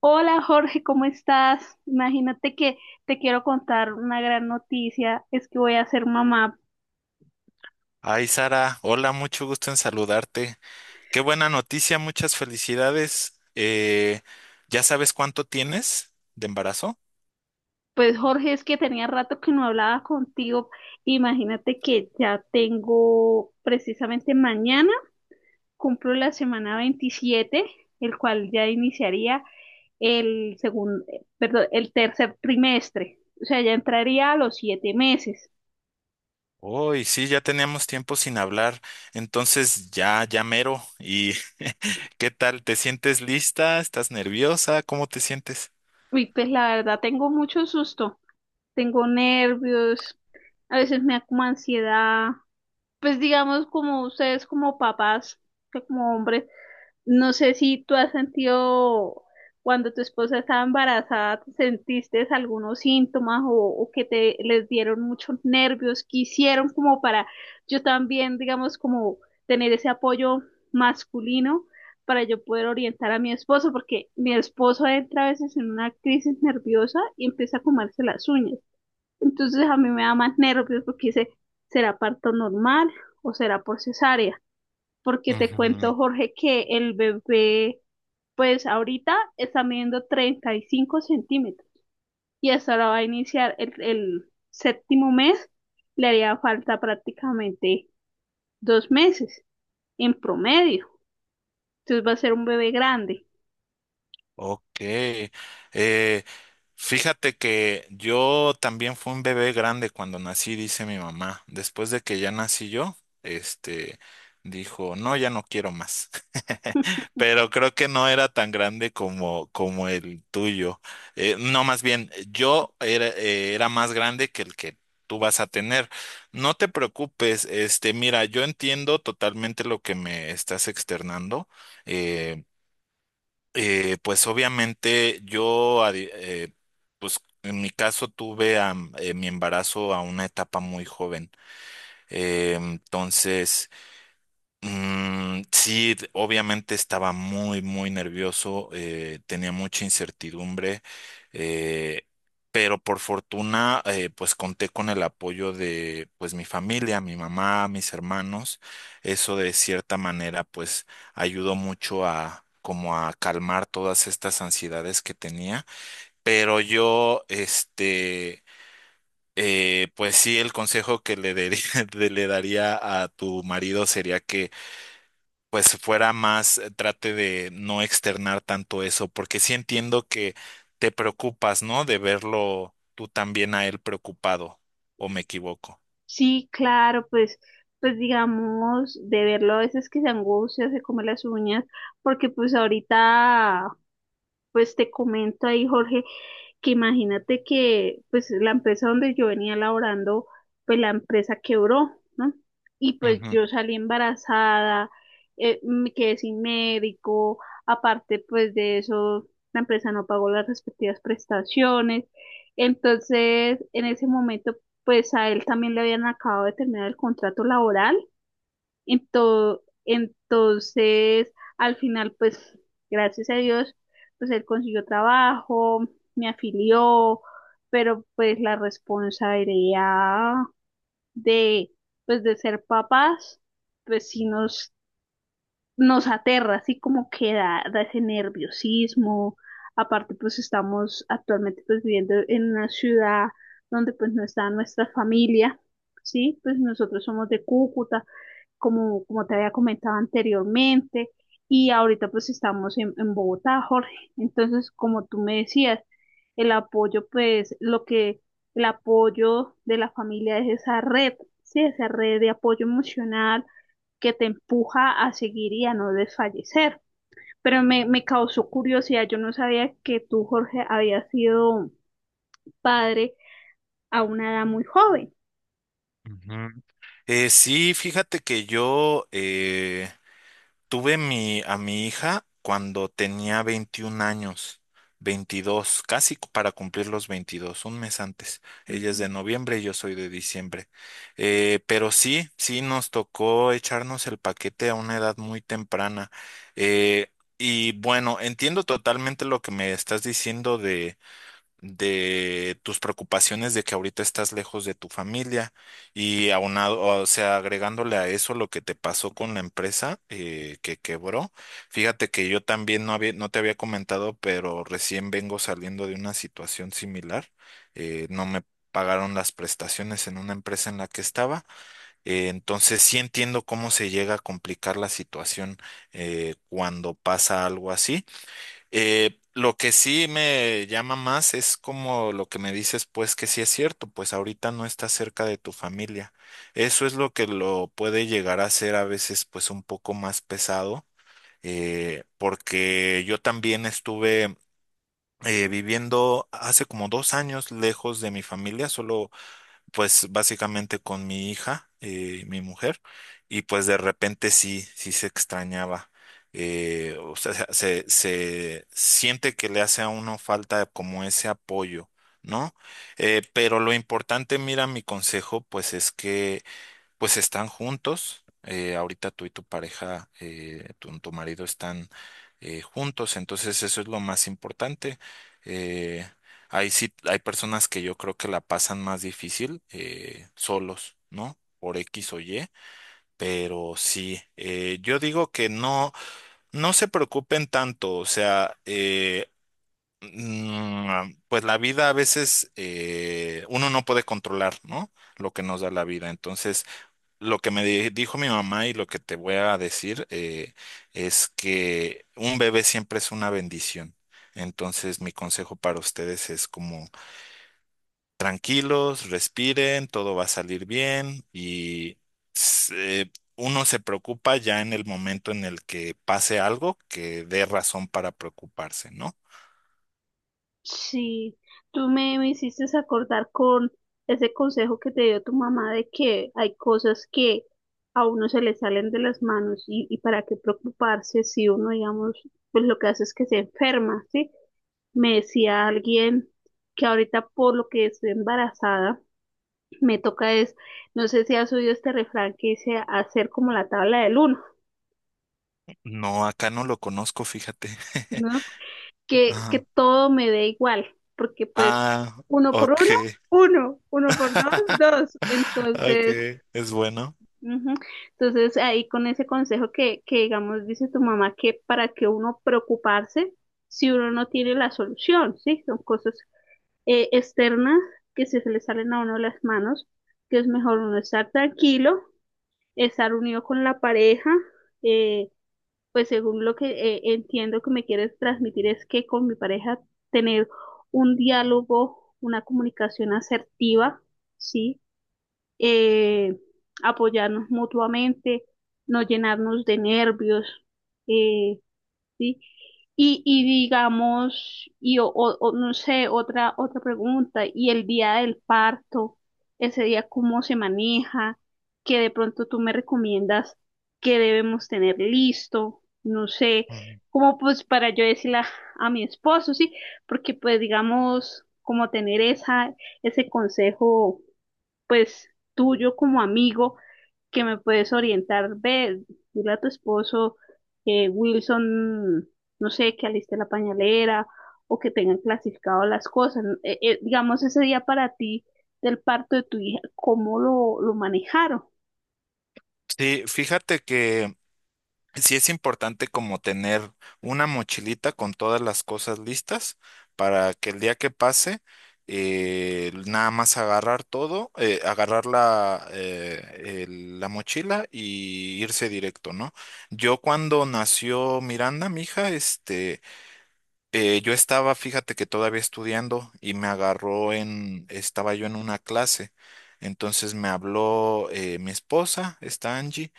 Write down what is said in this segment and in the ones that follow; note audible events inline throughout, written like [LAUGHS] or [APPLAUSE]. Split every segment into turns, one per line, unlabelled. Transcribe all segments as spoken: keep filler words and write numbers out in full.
Hola Jorge, ¿cómo estás? Imagínate que te quiero contar una gran noticia, es que voy a ser mamá.
Ay, Sara, hola, mucho gusto en saludarte. Qué buena noticia, muchas felicidades. Eh, ¿ya sabes cuánto tienes de embarazo?
Pues Jorge, es que tenía rato que no hablaba contigo. Imagínate que ya tengo precisamente mañana, cumplo la semana veintisiete, el cual ya iniciaría el segundo, perdón, el tercer trimestre. O sea, ya entraría a los siete meses.
Uy, sí, ya teníamos tiempo sin hablar, entonces ya, ya mero. ¿Y [LAUGHS] qué tal? ¿Te sientes lista? ¿Estás nerviosa? ¿Cómo te sientes?
Y pues la verdad tengo mucho susto. Tengo nervios, a veces me da como ansiedad. Pues digamos como ustedes como papás, que como hombres, no sé si tú has sentido cuando tu esposa estaba embarazada, ¿te sentiste algunos síntomas o, o que te les dieron muchos nervios? ¿Qué hicieron como para yo también, digamos, como tener ese apoyo masculino para yo poder orientar a mi esposo? Porque mi esposo entra a veces en una crisis nerviosa y empieza a comerse las uñas. Entonces a mí me da más nervios porque dice, ¿será parto normal o será por cesárea? Porque te
Ujú.
cuento, Jorge, que el bebé, pues ahorita está midiendo treinta y cinco centímetros y hasta ahora va a iniciar el, el séptimo mes, le haría falta prácticamente dos meses en promedio. Entonces va a ser un bebé grande.
Ok. Eh, Fíjate que yo también fui un bebé grande cuando nací, dice mi mamá. Después de que ya nací yo, este, dijo, no, ya no quiero más. [LAUGHS] Pero creo que no era tan grande como, como el tuyo. Eh, no, más bien, yo era, eh, era más grande que el que tú vas a tener. No te preocupes, este, mira, yo entiendo totalmente lo que me estás externando. eh, eh, pues obviamente yo, a di- eh, pues en mi caso tuve a, m- eh, mi embarazo a una etapa muy joven. Eh, entonces... Mm, sí, d- obviamente estaba muy, muy nervioso, eh, tenía mucha incertidumbre, eh, pero por fortuna, eh, pues conté con el apoyo de, pues mi familia, mi mamá, mis hermanos. Eso de cierta manera, pues ayudó mucho a, como a calmar todas estas ansiedades que tenía. Pero yo, este, eh, pues sí, el consejo que le daría, [LAUGHS] le daría a tu marido sería que pues fuera más, eh, trate de no externar tanto eso, porque sí entiendo que te preocupas, ¿no? De verlo tú también a él preocupado, o me equivoco.
Sí, claro, pues, pues digamos, de verlo a veces que se angustia, se come las uñas, porque pues ahorita pues te comento ahí, Jorge, que imagínate que pues la empresa donde yo venía laborando, pues la empresa quebró, ¿no? Y pues
Ujú.
yo salí embarazada, eh, me quedé sin médico, aparte pues de eso, la empresa no pagó las respectivas prestaciones. Entonces, en ese momento, pues a él también le habían acabado de terminar el contrato laboral. Ento- entonces, al final, pues, gracias a Dios, pues él consiguió trabajo, me afilió, pero pues la responsabilidad de, pues, de ser papás, pues sí nos, nos aterra, así como que da, da ese nerviosismo. Aparte, pues estamos actualmente pues viviendo en una ciudad donde pues no está nuestra familia, ¿sí? Pues nosotros somos de Cúcuta como, como te había comentado anteriormente, y ahorita pues estamos en, en, Bogotá, Jorge. Entonces, como tú me decías, el apoyo, pues lo que el apoyo de la familia es esa red, sí, esa red de apoyo emocional que te empuja a seguir y a no desfallecer. Pero me, me causó curiosidad, yo no sabía que tú, Jorge, habías sido padre a una edad muy joven.
Eh, sí, fíjate que yo, eh, Tuve mi, a mi hija cuando tenía veintiún años, veintidós, casi cu- para cumplir los veintidós, un mes antes. Ella es de noviembre y yo soy de diciembre. Eh, pero sí, sí nos tocó echarnos el paquete a una edad muy temprana. Eh, y bueno, entiendo totalmente lo que me estás diciendo de tus preocupaciones de que ahorita estás lejos de tu familia y aunado, o sea, agregándole a eso lo que te pasó con la empresa, eh, que quebró. Fíjate que yo también no había, no te había comentado, pero recién vengo saliendo de una situación similar. Eh, no me pagaron las prestaciones en una empresa en la que estaba. Eh, entonces sí entiendo cómo se llega a complicar la situación eh, cuando pasa algo así. Eh, lo que sí me llama más es como lo que me dices, pues que sí es cierto, pues ahorita no estás cerca de tu familia. Eso es lo que lo puede llegar a ser a veces pues un poco más pesado, eh, porque yo también estuve eh, viviendo hace como dos años lejos de mi familia, solo pues básicamente con mi hija, eh, mi mujer, y pues de repente sí, sí se extrañaba. Eh, o sea, se, se siente que le hace a uno falta como ese apoyo, ¿no? Eh, pero lo importante, mira, mi consejo, pues es que pues están juntos. Eh, ahorita tú y tu pareja, eh, tu, tu marido están eh, juntos, entonces eso es lo más importante. Eh, hay, sí, hay personas que yo creo que la pasan más difícil eh, solos, ¿no? Por X o Y, pero sí, eh, yo digo que no, no se preocupen tanto, o sea, eh, mm, pues la vida a veces eh, uno no puede controlar, ¿no? Lo que nos da la vida, entonces lo que me di- dijo mi mamá y lo que te voy a decir, eh, es que un bebé siempre es una bendición. Entonces, mi consejo para ustedes es como tranquilos, respiren, todo va a salir bien y se- uno se preocupa ya en el momento en el que pase algo que dé razón para preocuparse, ¿no?
Sí, tú me, me hiciste acordar con ese consejo que te dio tu mamá de que hay cosas que a uno se le salen de las manos y, y para qué preocuparse si uno, digamos, pues lo que hace es que se enferma, ¿sí? Me decía alguien que ahorita por lo que estoy embarazada, me toca es, no sé si has oído este refrán que dice hacer como la tabla del uno,
No, acá no lo conozco, fíjate. [LAUGHS]
no que, que
Ajá.
todo me dé igual, porque pues
Ah,
uno por
ok.
uno, uno, uno por dos,
[LAUGHS]
dos.
Ok,
Entonces,
es bueno.
ujú. Entonces ahí con ese consejo que, que digamos dice tu mamá que para que uno preocuparse si uno no tiene la solución, ¿sí? Son cosas eh, externas que se le salen a uno de las manos, que es mejor uno estar tranquilo, estar unido con la pareja, eh, pues según lo que eh, entiendo que me quieres transmitir es que con mi pareja tener un diálogo, una comunicación asertiva, ¿sí? Eh, Apoyarnos mutuamente, no llenarnos de nervios, eh, ¿sí? Y, y digamos, y o, o- o no sé, otra, otra pregunta, y el día del parto, ese día cómo se maneja, que de pronto tú me recomiendas que debemos tener listo, no sé, como pues para yo decirle a, a mi esposo, sí, porque pues digamos, como tener esa, ese consejo, pues tuyo como amigo que me puedes orientar. Ve, dile a tu esposo que Wilson, no sé, que aliste la pañalera o que tengan clasificado las cosas. Eh, eh, digamos, ese día para ti del parto de tu hija, ¿cómo lo, lo manejaron?
Sí, fíjate que sí es importante como tener una mochilita con todas las cosas listas para que el día que pase, eh, nada más agarrar todo, eh, agarrar la, eh, el- la mochila y irse directo, ¿no? Yo cuando nació Miranda, mi hija, este, eh, yo estaba, fíjate que todavía estudiando y me agarró en, estaba yo en una clase, entonces me habló, eh, mi esposa, esta Angie,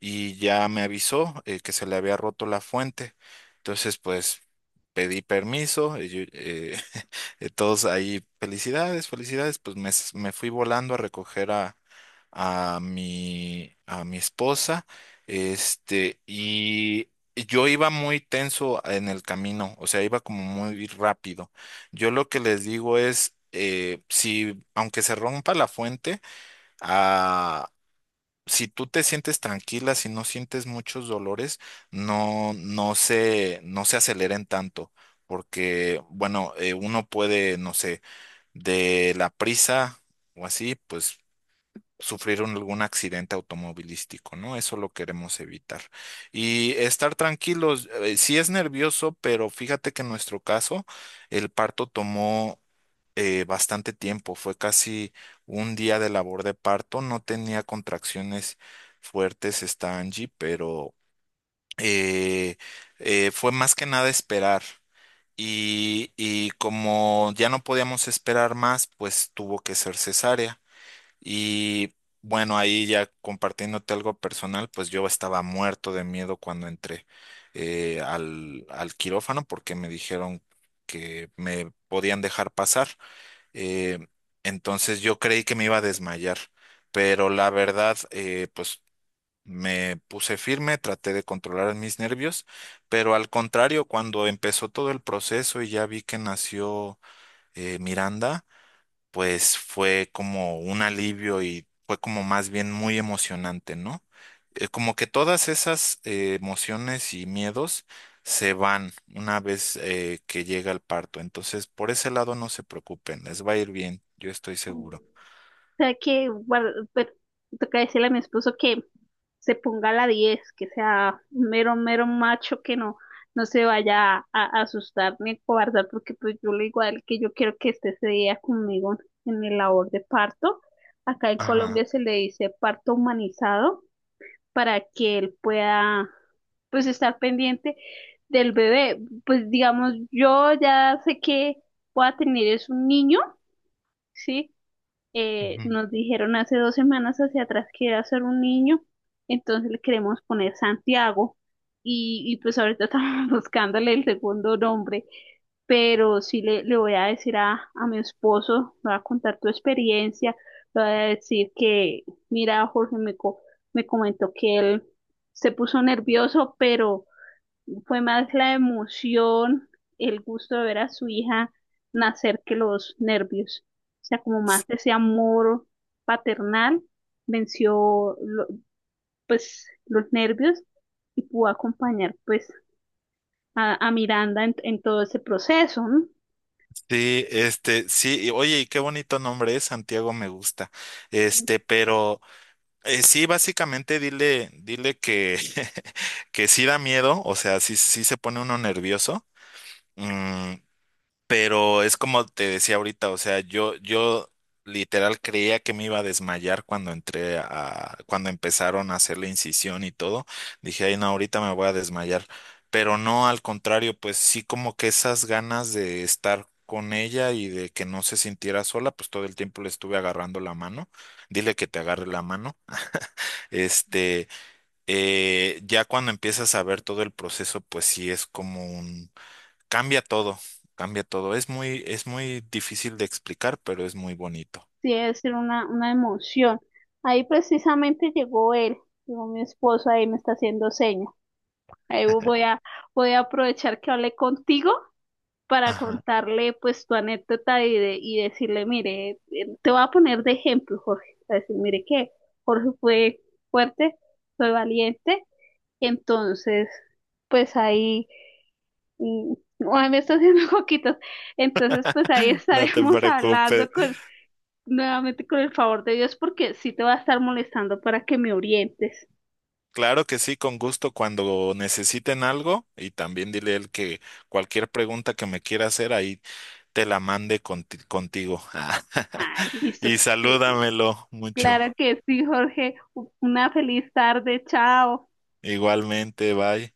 y ya me avisó, eh, que se le había roto la fuente. Entonces, pues pedí permiso, y yo, eh, [LAUGHS] eh, todos ahí, felicidades, felicidades, pues me, s- me fui volando a recoger a, a mi, a mi esposa, este, y yo iba muy tenso en el camino, o sea, iba como muy rápido. Yo lo que les digo es, eh, si, aunque se rompa la fuente, ah, si tú te sientes tranquila, si no sientes muchos dolores, no, no se, no se aceleren tanto, porque, bueno, eh, uno puede, no sé, de la prisa o así, pues sufrir un- algún accidente automovilístico, ¿no? Eso lo queremos evitar. Y estar tranquilos, eh, sí es nervioso, pero fíjate que en nuestro caso el parto tomó, eh, bastante tiempo, fue casi un día de labor de parto, no tenía contracciones fuertes esta Angie, pero eh, eh, fue más que nada esperar. Y, y como ya no podíamos esperar más, pues tuvo que ser cesárea. Y bueno, ahí ya compartiéndote algo personal, pues yo estaba muerto de miedo cuando entré, eh, al, al quirófano porque me dijeron que me podían dejar pasar. Eh, entonces yo creí que me iba a desmayar, pero la verdad, eh, pues me puse firme, traté de controlar mis nervios, pero al contrario, cuando empezó todo el proceso y ya vi que nació, eh, Miranda, pues fue como un alivio y fue como más bien muy emocionante, ¿no? Eh, como que todas esas, eh, emociones y miedos se van una vez eh, que llega el parto. Entonces, por ese lado no se preocupen, les va a ir bien, yo estoy seguro.
Sea que guarda- pero toca decirle a mi esposo que se ponga a la diez que sea un mero, mero macho, que no, no se vaya a, a asustar ni a cobardar, porque pues yo le digo a él que yo quiero que esté ese día conmigo en mi labor de parto. Acá en
Ajá.
Colombia se le dice parto humanizado para que él pueda pues estar pendiente del bebé. Pues digamos, yo ya sé que voy a tener es un niño. ¿Sí? Eh,
Ujú.
nos dijeron hace dos semanas hacia atrás que era ser un niño, entonces le queremos poner Santiago y, y pues ahorita estamos [LAUGHS] buscándole el segundo nombre, pero sí le, le voy a decir a, a, mi esposo, le voy a contar tu experiencia, le voy a decir que, mira, Jorge me, co- me comentó que él se puso nervioso, pero fue más la emoción, el gusto de ver a su hija nacer que los nervios. O sea, como más ese amor paternal venció lo- pues los nervios y pudo acompañar pues a, a Miranda en, en todo ese proceso, ¿no?
Sí, este, sí, y oye, y qué bonito nombre es, Santiago me gusta. Este, pero, eh, sí, básicamente dile, dile que, [LAUGHS] que sí da miedo, o sea, sí, sí se pone uno nervioso. Mm, pero es como te decía ahorita, o sea, yo, yo literal creía que me iba a desmayar cuando entré a, cuando empezaron a hacer la incisión y todo. Dije, ay, no, ahorita me voy a desmayar. Pero no, al contrario, pues sí como que esas ganas de estar con ella y de que no se sintiera sola, pues todo el tiempo le estuve agarrando la mano. Dile que te agarre la mano. [LAUGHS] Este, eh, ya cuando empiezas a ver todo el proceso, pues sí es como un Cambia todo, cambia todo. Es muy, es muy difícil de explicar, pero es muy bonito.
Sí, debe ser una, una emoción. Ahí precisamente llegó él, llegó mi esposo, ahí me está haciendo seña. Ahí voy a, voy a aprovechar que hablé contigo para
Ajá.
contarle pues tu anécdota y, de, y decirle, mire, eh, te voy a poner de ejemplo, Jorge, para decir, mire que Jorge fue fuerte, fue valiente, entonces pues ahí, mm, [LAUGHS] ay, me está haciendo [LAUGHS] coquitos, entonces pues ahí
[LAUGHS] No te
estaremos [LAUGHS]
preocupes.
hablando con, nuevamente con el favor de Dios, porque sí te va a estar molestando para que me orientes.
Claro que sí, con gusto cuando necesiten algo y también dile a él que cualquier pregunta que me quiera hacer ahí te la mande conti- contigo.
Ay,
[LAUGHS]
listo.
Y salúdamelo mucho.
Claro que sí, Jorge, una feliz tarde, chao.
Igualmente, bye.